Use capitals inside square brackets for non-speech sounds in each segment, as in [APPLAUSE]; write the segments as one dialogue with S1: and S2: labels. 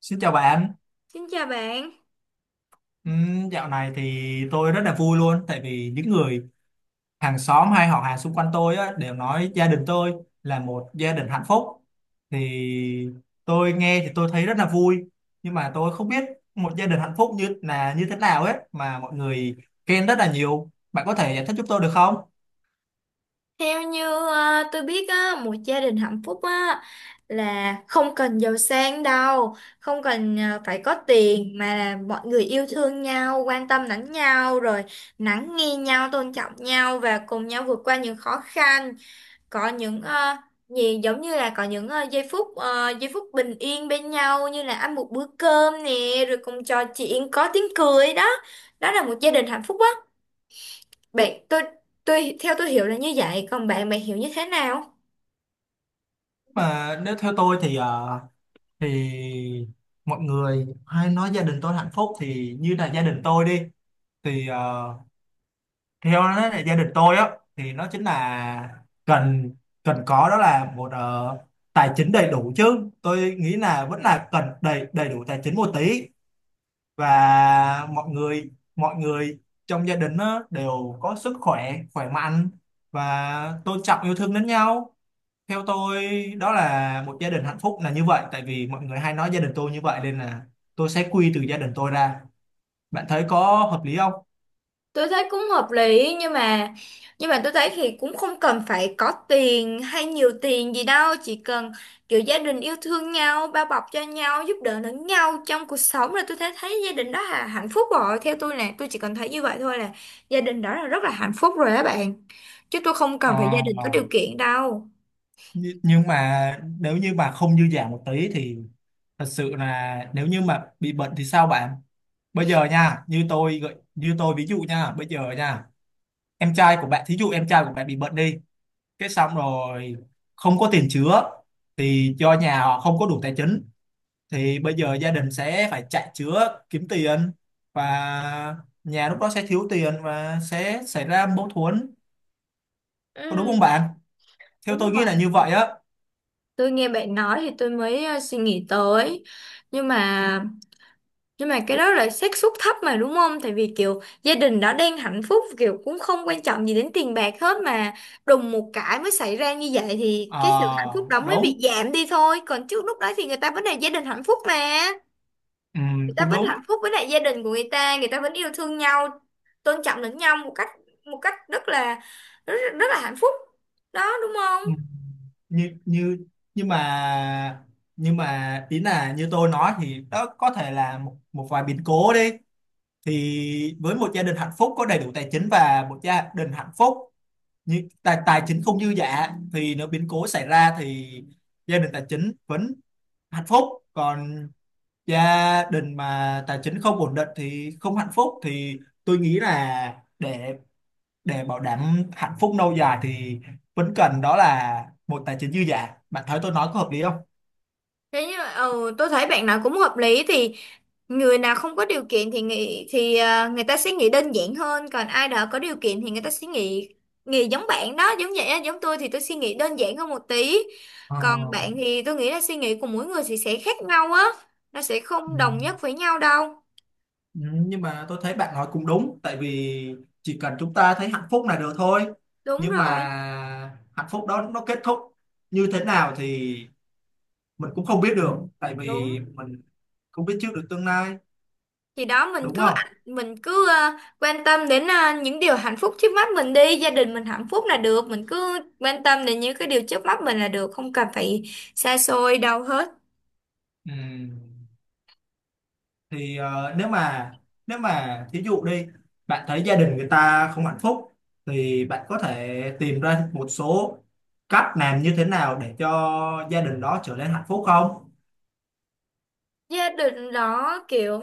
S1: Xin chào bạn.
S2: Xin chào bạn.
S1: Dạo này thì tôi rất là vui luôn, tại vì những người hàng xóm hay họ hàng xung quanh tôi á, đều nói gia đình tôi là một gia đình hạnh phúc. Thì tôi nghe thì tôi thấy rất là vui, nhưng mà tôi không biết một gia đình hạnh phúc như là như thế nào ấy mà mọi người khen rất là nhiều. Bạn có thể giải thích giúp tôi được không?
S2: Theo như tôi biết á, một gia đình hạnh phúc á là không cần giàu sang đâu, không cần phải có tiền mà là mọi người yêu thương nhau, quan tâm lẫn nhau rồi lắng nghe nhau, tôn trọng nhau và cùng nhau vượt qua những khó khăn, có những ờ, gì giống như là có những giây phút giây phút bình yên bên nhau như là ăn một bữa cơm nè, rồi cùng trò chuyện có tiếng cười đó. Đó là một gia đình hạnh phúc á. Bạn tôi theo tôi hiểu là như vậy, còn bạn bạn hiểu như thế nào?
S1: Mà nếu theo tôi thì thì mọi người hay nói gia đình tôi hạnh phúc, thì như là gia đình tôi đi, thì theo đó là gia đình tôi á, thì nó chính là cần cần có đó là một tài chính đầy đủ, chứ tôi nghĩ là vẫn là cần đầy đầy đủ tài chính một tí, và mọi người trong gia đình á, đều có sức khỏe khỏe mạnh và tôn trọng yêu thương lẫn nhau. Theo tôi đó là một gia đình hạnh phúc là như vậy, tại vì mọi người hay nói gia đình tôi như vậy, nên là tôi sẽ quy từ gia đình tôi ra. Bạn thấy có hợp lý không?
S2: Tôi thấy cũng hợp lý, nhưng mà tôi thấy thì cũng không cần phải có tiền hay nhiều tiền gì đâu, chỉ cần kiểu gia đình yêu thương nhau, bao bọc cho nhau, giúp đỡ lẫn nhau trong cuộc sống là tôi thấy thấy gia đình đó là hạnh phúc rồi. Theo tôi là tôi chỉ cần thấy như vậy thôi là gia đình đó là rất là hạnh phúc rồi á bạn, chứ tôi không
S1: Ờ,
S2: cần phải gia đình có điều kiện đâu.
S1: nhưng mà nếu như mà không dư dả một tí thì thật sự là nếu như mà bị bệnh thì sao bạn? Bây giờ nha, như tôi ví dụ nha, bây giờ nha, em trai của bạn, thí dụ em trai của bạn bị bệnh đi, cái xong rồi không có tiền chữa thì do nhà họ không có đủ tài chính, thì bây giờ gia đình sẽ phải chạy chữa kiếm tiền, và nhà lúc đó sẽ thiếu tiền và sẽ xảy ra mâu thuẫn. Có đúng không
S2: Ừ,
S1: bạn? Theo tôi
S2: đúng
S1: nghĩ
S2: rồi.
S1: là như vậy á.
S2: Tôi nghe bạn nói thì tôi mới suy nghĩ tới. Nhưng mà nhưng mà cái đó là xác suất thấp mà đúng không? Tại vì kiểu gia đình đã đang hạnh phúc, kiểu cũng không quan trọng gì đến tiền bạc hết, mà đùng một cái mới xảy ra như vậy thì cái sự hạnh
S1: Ờ,
S2: phúc đó mới bị
S1: đúng.
S2: giảm đi thôi. Còn trước lúc đó thì người ta vẫn là gia đình hạnh phúc mà.
S1: Ừ,
S2: Người ta
S1: cũng
S2: vẫn
S1: đúng.
S2: hạnh phúc với lại gia đình của người ta vẫn yêu thương nhau, tôn trọng lẫn nhau một cách rất là rất, rất là hạnh phúc. Đó, đúng không?
S1: Ừ. như như nhưng mà nhưng mà ý là như tôi nói, thì đó có thể là một vài biến cố đi, thì với một gia đình hạnh phúc có đầy đủ tài chính và một gia đình hạnh phúc như tài tài chính không dư dả, thì nếu biến cố xảy ra thì gia đình tài chính vẫn hạnh phúc, còn gia đình mà tài chính không ổn định thì không hạnh phúc, thì tôi nghĩ là để bảo đảm hạnh phúc lâu dài thì vẫn cần đó là một tài chính dư giả. Bạn thấy tôi nói có hợp lý không?
S2: Thế như mà ừ, tôi thấy bạn nào cũng hợp lý thì người nào không có điều kiện thì nghĩ thì à, người ta sẽ nghĩ đơn giản hơn, còn ai đó có điều kiện thì người ta sẽ nghĩ nghĩ giống bạn đó, giống vậy á, giống tôi thì tôi suy nghĩ đơn giản hơn một tí.
S1: Ờ.
S2: Còn bạn thì tôi nghĩ là suy nghĩ của mỗi người thì sẽ khác nhau á, nó sẽ không đồng nhất
S1: Ừ.
S2: với nhau đâu.
S1: Ừ, nhưng mà tôi thấy bạn nói cũng đúng, tại vì chỉ cần chúng ta thấy hạnh phúc là được thôi,
S2: Đúng
S1: nhưng mà
S2: rồi.
S1: hạnh phúc đó nó kết thúc như thế nào thì mình cũng không biết được, tại
S2: Đúng.
S1: vì mình không biết trước được tương lai,
S2: Thì đó, mình
S1: đúng
S2: cứ
S1: không?
S2: mình cứ quan tâm đến những điều hạnh phúc trước mắt mình đi, gia đình mình hạnh phúc là được, mình cứ quan tâm đến những cái điều trước mắt mình là được, không cần phải xa xôi đâu hết.
S1: Ừ. Thì nếu mà thí dụ đi, bạn thấy gia đình người ta không hạnh phúc thì bạn có thể tìm ra một số cách làm như thế nào để cho gia đình đó trở nên hạnh phúc không?
S2: Gia đình đó kiểu,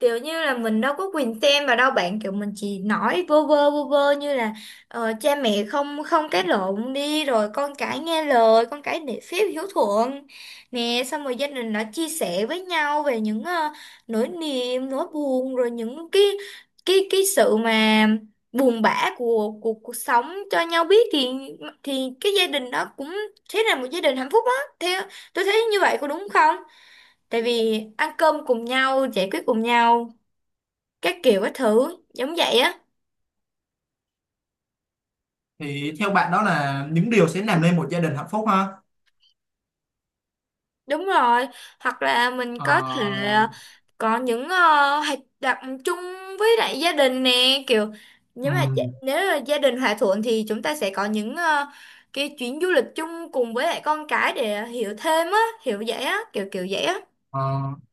S2: kiểu như là mình đâu có quyền xem vào đâu bạn, kiểu mình chỉ nói vô vơ như là cha mẹ không không cãi lộn đi, rồi con cái nghe lời, con cái nể phép hiếu thuận nè, xong rồi gia đình đã chia sẻ với nhau về những nỗi niềm nỗi buồn, rồi những cái sự mà buồn bã của cuộc sống cho nhau biết thì cái gia đình đó cũng thế là một gia đình hạnh phúc á. Theo tôi thấy như vậy có đúng không? Tại vì ăn cơm cùng nhau, giải quyết cùng nhau các kiểu các thứ giống vậy á.
S1: Thì theo bạn đó là những điều sẽ làm nên một gia đình hạnh phúc ha.
S2: Đúng rồi. Hoặc là mình
S1: Ờ,
S2: có thể có những hoạt động chung với lại gia đình nè, kiểu nếu mà
S1: ừm,
S2: nếu là gia đình hòa thuận thì chúng ta sẽ có những cái chuyến du lịch chung cùng với lại con cái để hiểu thêm á, hiểu vậy á, kiểu kiểu vậy á.
S1: Ờ,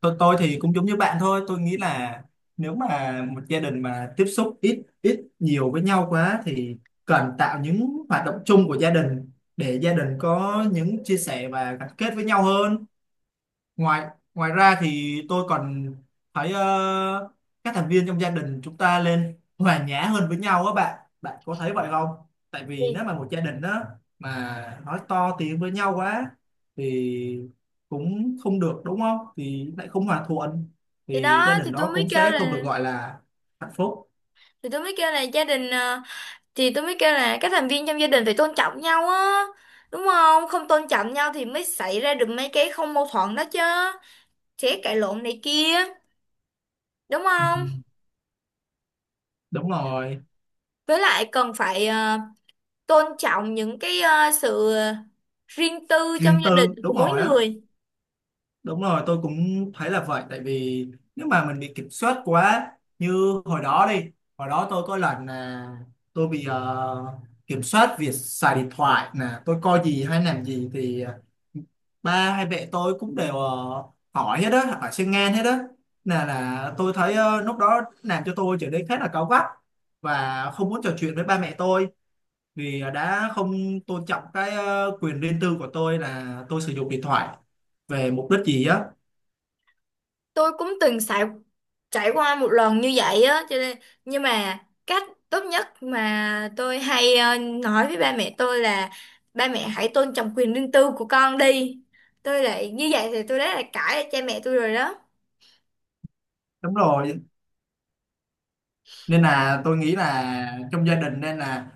S1: tôi thì cũng giống như bạn thôi, tôi nghĩ là nếu mà một gia đình mà tiếp xúc ít ít nhiều với nhau quá thì cần tạo những hoạt động chung của gia đình để gia đình có những chia sẻ và gắn kết với nhau hơn. Ngoài ngoài ra thì tôi còn thấy các thành viên trong gia đình chúng ta lên hòa nhã hơn với nhau á. Bạn bạn có thấy vậy không? Tại vì nếu
S2: Thì
S1: mà một gia đình đó mà nói to tiếng với nhau quá thì cũng không được, đúng không, thì lại không hòa thuận,
S2: thì
S1: thì
S2: đó
S1: gia
S2: thì
S1: đình
S2: tôi
S1: đó
S2: mới
S1: cũng
S2: kêu
S1: sẽ không được
S2: là,
S1: gọi là hạnh phúc.
S2: thì tôi mới kêu là gia đình thì tôi mới kêu là các thành viên trong gia đình phải tôn trọng nhau á, đúng không? Không tôn trọng nhau thì mới xảy ra được mấy cái không mâu thuẫn đó chứ, sẽ cãi lộn này kia, đúng
S1: Ừ,
S2: không?
S1: đúng rồi.
S2: Với lại cần phải tôn trọng những cái sự riêng tư trong
S1: Riêng
S2: gia đình
S1: tư.
S2: của
S1: Đúng
S2: mỗi
S1: rồi á.
S2: người.
S1: Đúng rồi, tôi cũng thấy là vậy. Tại vì nếu mà mình bị kiểm soát quá, như hồi đó đi, hồi đó tôi có lần là tôi bị kiểm soát việc xài điện thoại nè, tôi coi gì hay làm gì thì ba hay mẹ tôi cũng đều hỏi hết đó, hỏi xuyên ngang hết đó. Là tôi thấy lúc đó làm cho tôi trở nên khá là cáu gắt và không muốn trò chuyện với ba mẹ tôi, vì đã không tôn trọng cái quyền riêng tư của tôi là tôi sử dụng điện thoại về mục đích gì á.
S2: Tôi cũng từng trải trải qua một lần như vậy á, cho nên nhưng mà cách tốt nhất mà tôi hay nói với ba mẹ tôi là ba mẹ hãy tôn trọng quyền riêng tư của con đi. Tôi lại như vậy thì tôi đã là cãi cha mẹ tôi rồi đó.
S1: Đúng rồi, nên là tôi nghĩ là trong gia đình nên là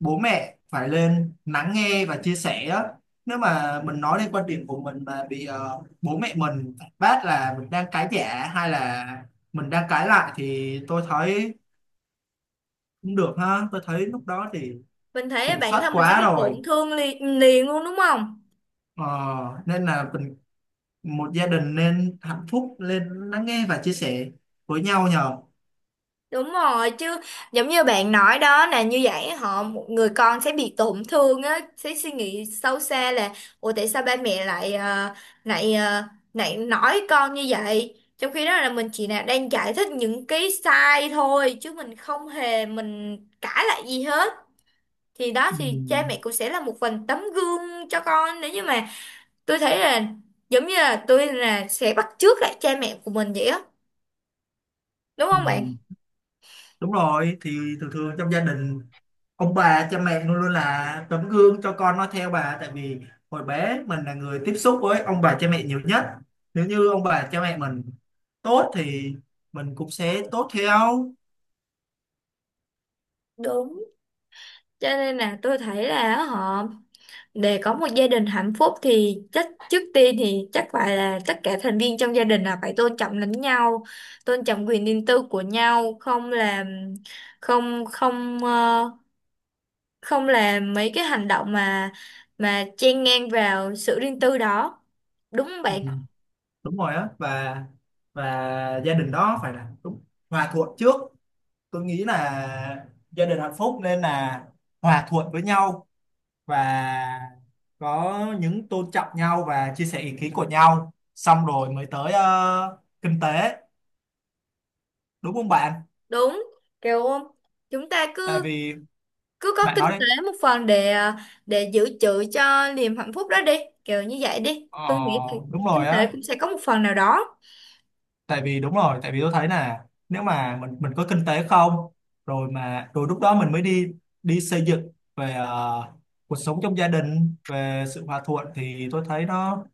S1: bố mẹ phải lên lắng nghe và chia sẻ á. Nếu mà mình nói lên quan điểm của mình mà bị bố mẹ mình phản bác là mình đang cãi giả hay là mình đang cãi lại, thì tôi thấy cũng được ha. Tôi thấy lúc đó thì
S2: Mình thấy
S1: kiểm
S2: bản
S1: soát
S2: thân mình sẽ
S1: quá
S2: bị
S1: rồi.
S2: tổn thương liền, liền luôn đúng không?
S1: Ờ, nên là mình một gia đình nên hạnh phúc lên lắng nghe và chia sẻ với nhau nhờ.
S2: Đúng rồi chứ, giống như bạn nói đó, là như vậy họ một người con sẽ bị tổn thương á, sẽ suy nghĩ sâu xa là ủa tại sao ba mẹ lại ờ, lại nói con như vậy, trong khi đó là mình chỉ là đang giải thích những cái sai thôi, chứ mình không hề mình cãi lại gì hết. Thì đó thì cha mẹ
S1: Ừ.
S2: cũng sẽ là một phần tấm gương cho con. Nếu như mà tôi thấy là giống như là tôi là sẽ bắt chước lại cha mẹ của mình vậy á, đúng
S1: Ừ.
S2: không bạn?
S1: Đúng rồi, thì thường thường trong gia đình ông bà cha mẹ luôn luôn là tấm gương cho con nó theo bà, tại vì hồi bé mình là người tiếp xúc với ông bà cha mẹ nhiều nhất. Nếu như ông bà cha mẹ mình tốt thì mình cũng sẽ tốt theo.
S2: Đúng. Cho nên là tôi thấy là họ, để có một gia đình hạnh phúc thì chắc trước tiên thì chắc phải là tất cả thành viên trong gia đình là phải tôn trọng lẫn nhau, tôn trọng quyền riêng tư của nhau, không làm không không ờ, không làm mấy cái hành động mà chen ngang vào sự riêng tư đó. Đúng không
S1: Ừ,
S2: bạn?
S1: đúng rồi á, và gia đình đó phải là đúng hòa thuận trước. Tôi nghĩ là gia đình hạnh phúc nên là hòa thuận với nhau, và có những tôn trọng nhau và chia sẻ ý kiến của nhau, xong rồi mới tới kinh tế, đúng không bạn?
S2: Đúng. Kiểu chúng ta
S1: Tại
S2: cứ
S1: vì,
S2: cứ có
S1: bạn
S2: kinh
S1: nói đi.
S2: tế một phần để để dự trữ cho niềm hạnh phúc đó đi, kiểu như vậy đi,
S1: ờ,
S2: tôi nghĩ thì
S1: đúng
S2: kinh
S1: rồi
S2: tế
S1: á.
S2: cũng sẽ có một phần nào đó.
S1: Tại vì đúng rồi, tại vì tôi thấy là nếu mà mình có kinh tế không, rồi mà rồi lúc đó mình mới đi đi xây dựng về cuộc sống trong gia đình về sự hòa thuận, thì tôi thấy nó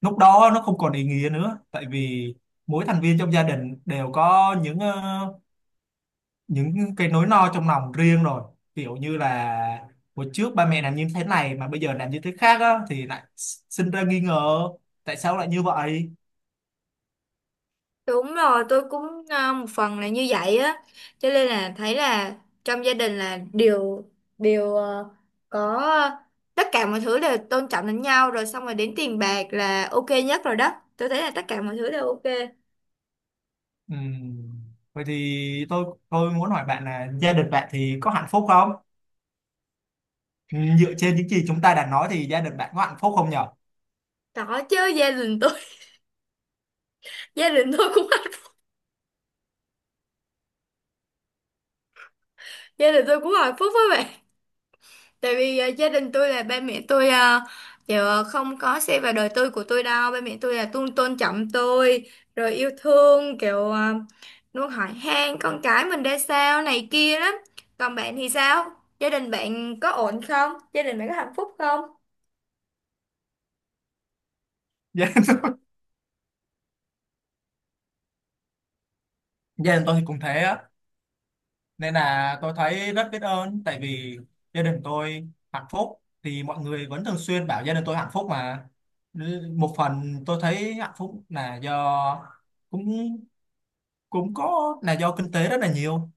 S1: lúc đó nó không còn ý nghĩa nữa, tại vì mỗi thành viên trong gia đình đều có những cái nỗi lo trong lòng riêng rồi, kiểu như là hồi trước ba mẹ làm như thế này mà bây giờ làm như thế khác á, thì lại sinh ra nghi ngờ tại sao lại như vậy.
S2: Đúng rồi, tôi cũng một phần là như vậy á, cho nên là thấy là trong gia đình là đều đều à, có à, tất cả mọi thứ đều tôn trọng lẫn nhau rồi, xong rồi đến tiền bạc là ok nhất rồi đó, tôi thấy là tất cả mọi thứ đều ok.
S1: Ừm, vậy thì tôi muốn hỏi bạn là gia đình bạn thì có hạnh phúc không? Dựa trên những gì chúng ta đã nói thì gia đình bạn có hạnh phúc không nhở? [LAUGHS]
S2: Có chứ, gia đình tôi [LAUGHS] gia đình tôi [LAUGHS] gia đình tôi cũng hạnh phúc với bạn. Tại vì gia đình tôi là ba mẹ tôi kiểu không có xe vào đời tôi của tôi đâu. Ba mẹ tôi là tôn tôn trọng tôi, rồi yêu thương kiểu luôn hỏi han con cái mình ra sao này kia lắm. Còn bạn thì sao? Gia đình bạn có ổn không? Gia đình bạn có hạnh phúc không?
S1: Gia đình tôi thì cũng thế á, nên là tôi thấy rất biết ơn, tại vì gia đình tôi hạnh phúc thì mọi người vẫn thường xuyên bảo gia đình tôi hạnh phúc mà. Một phần tôi thấy hạnh phúc là do cũng cũng có là do kinh tế rất là nhiều,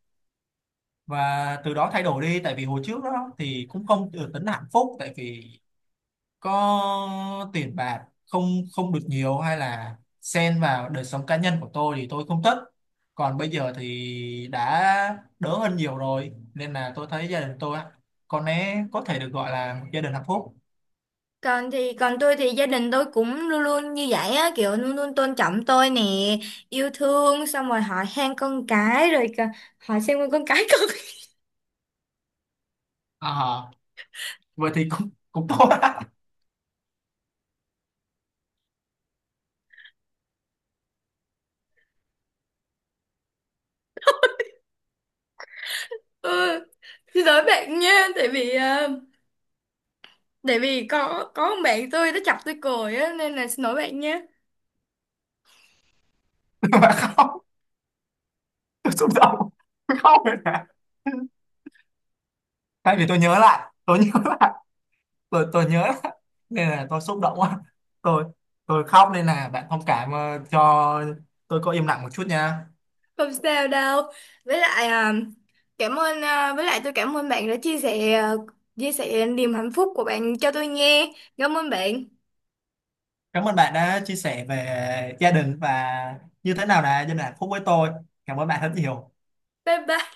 S1: và từ đó thay đổi đi. Tại vì hồi trước đó thì cũng không được tính là hạnh phúc, tại vì có tiền bạc không, không được nhiều, hay là xen vào đời sống cá nhân của tôi thì tôi không thích. Còn bây giờ thì đã đỡ hơn nhiều rồi, nên là tôi thấy gia đình tôi á, có lẽ có thể được gọi là một gia đình hạnh phúc.
S2: Còn tôi thì gia đình tôi cũng luôn luôn như vậy á, kiểu luôn luôn tôn trọng tôi nè, yêu thương xong rồi hỏi han con cái rồi hỏi xem con cái con. [LAUGHS]
S1: À, vậy thì cũng cũng tốt á.
S2: Ừ, xin lỗi bạn nha, tại vì tại vì có một bạn tôi nó chọc tôi cười á nên là xin lỗi bạn nhé.
S1: [LAUGHS] Mà không, tôi xúc động, không rồi nè, tại vì tôi nhớ lại tôi nhớ lại tôi nhớ lại nên là tôi xúc động quá. Tôi tôi khóc, nên là bạn thông cảm cho tôi có im lặng một chút nha.
S2: Không sao đâu. Với lại với lại tôi cảm ơn bạn đã chia sẻ chia sẻ niềm hạnh phúc của bạn cho tôi nghe. Cảm ơn bạn.
S1: Cảm ơn bạn đã chia sẻ về gia đình và như thế nào là gia đình hạnh phúc với tôi. Cảm ơn bạn rất nhiều.
S2: Bye bye.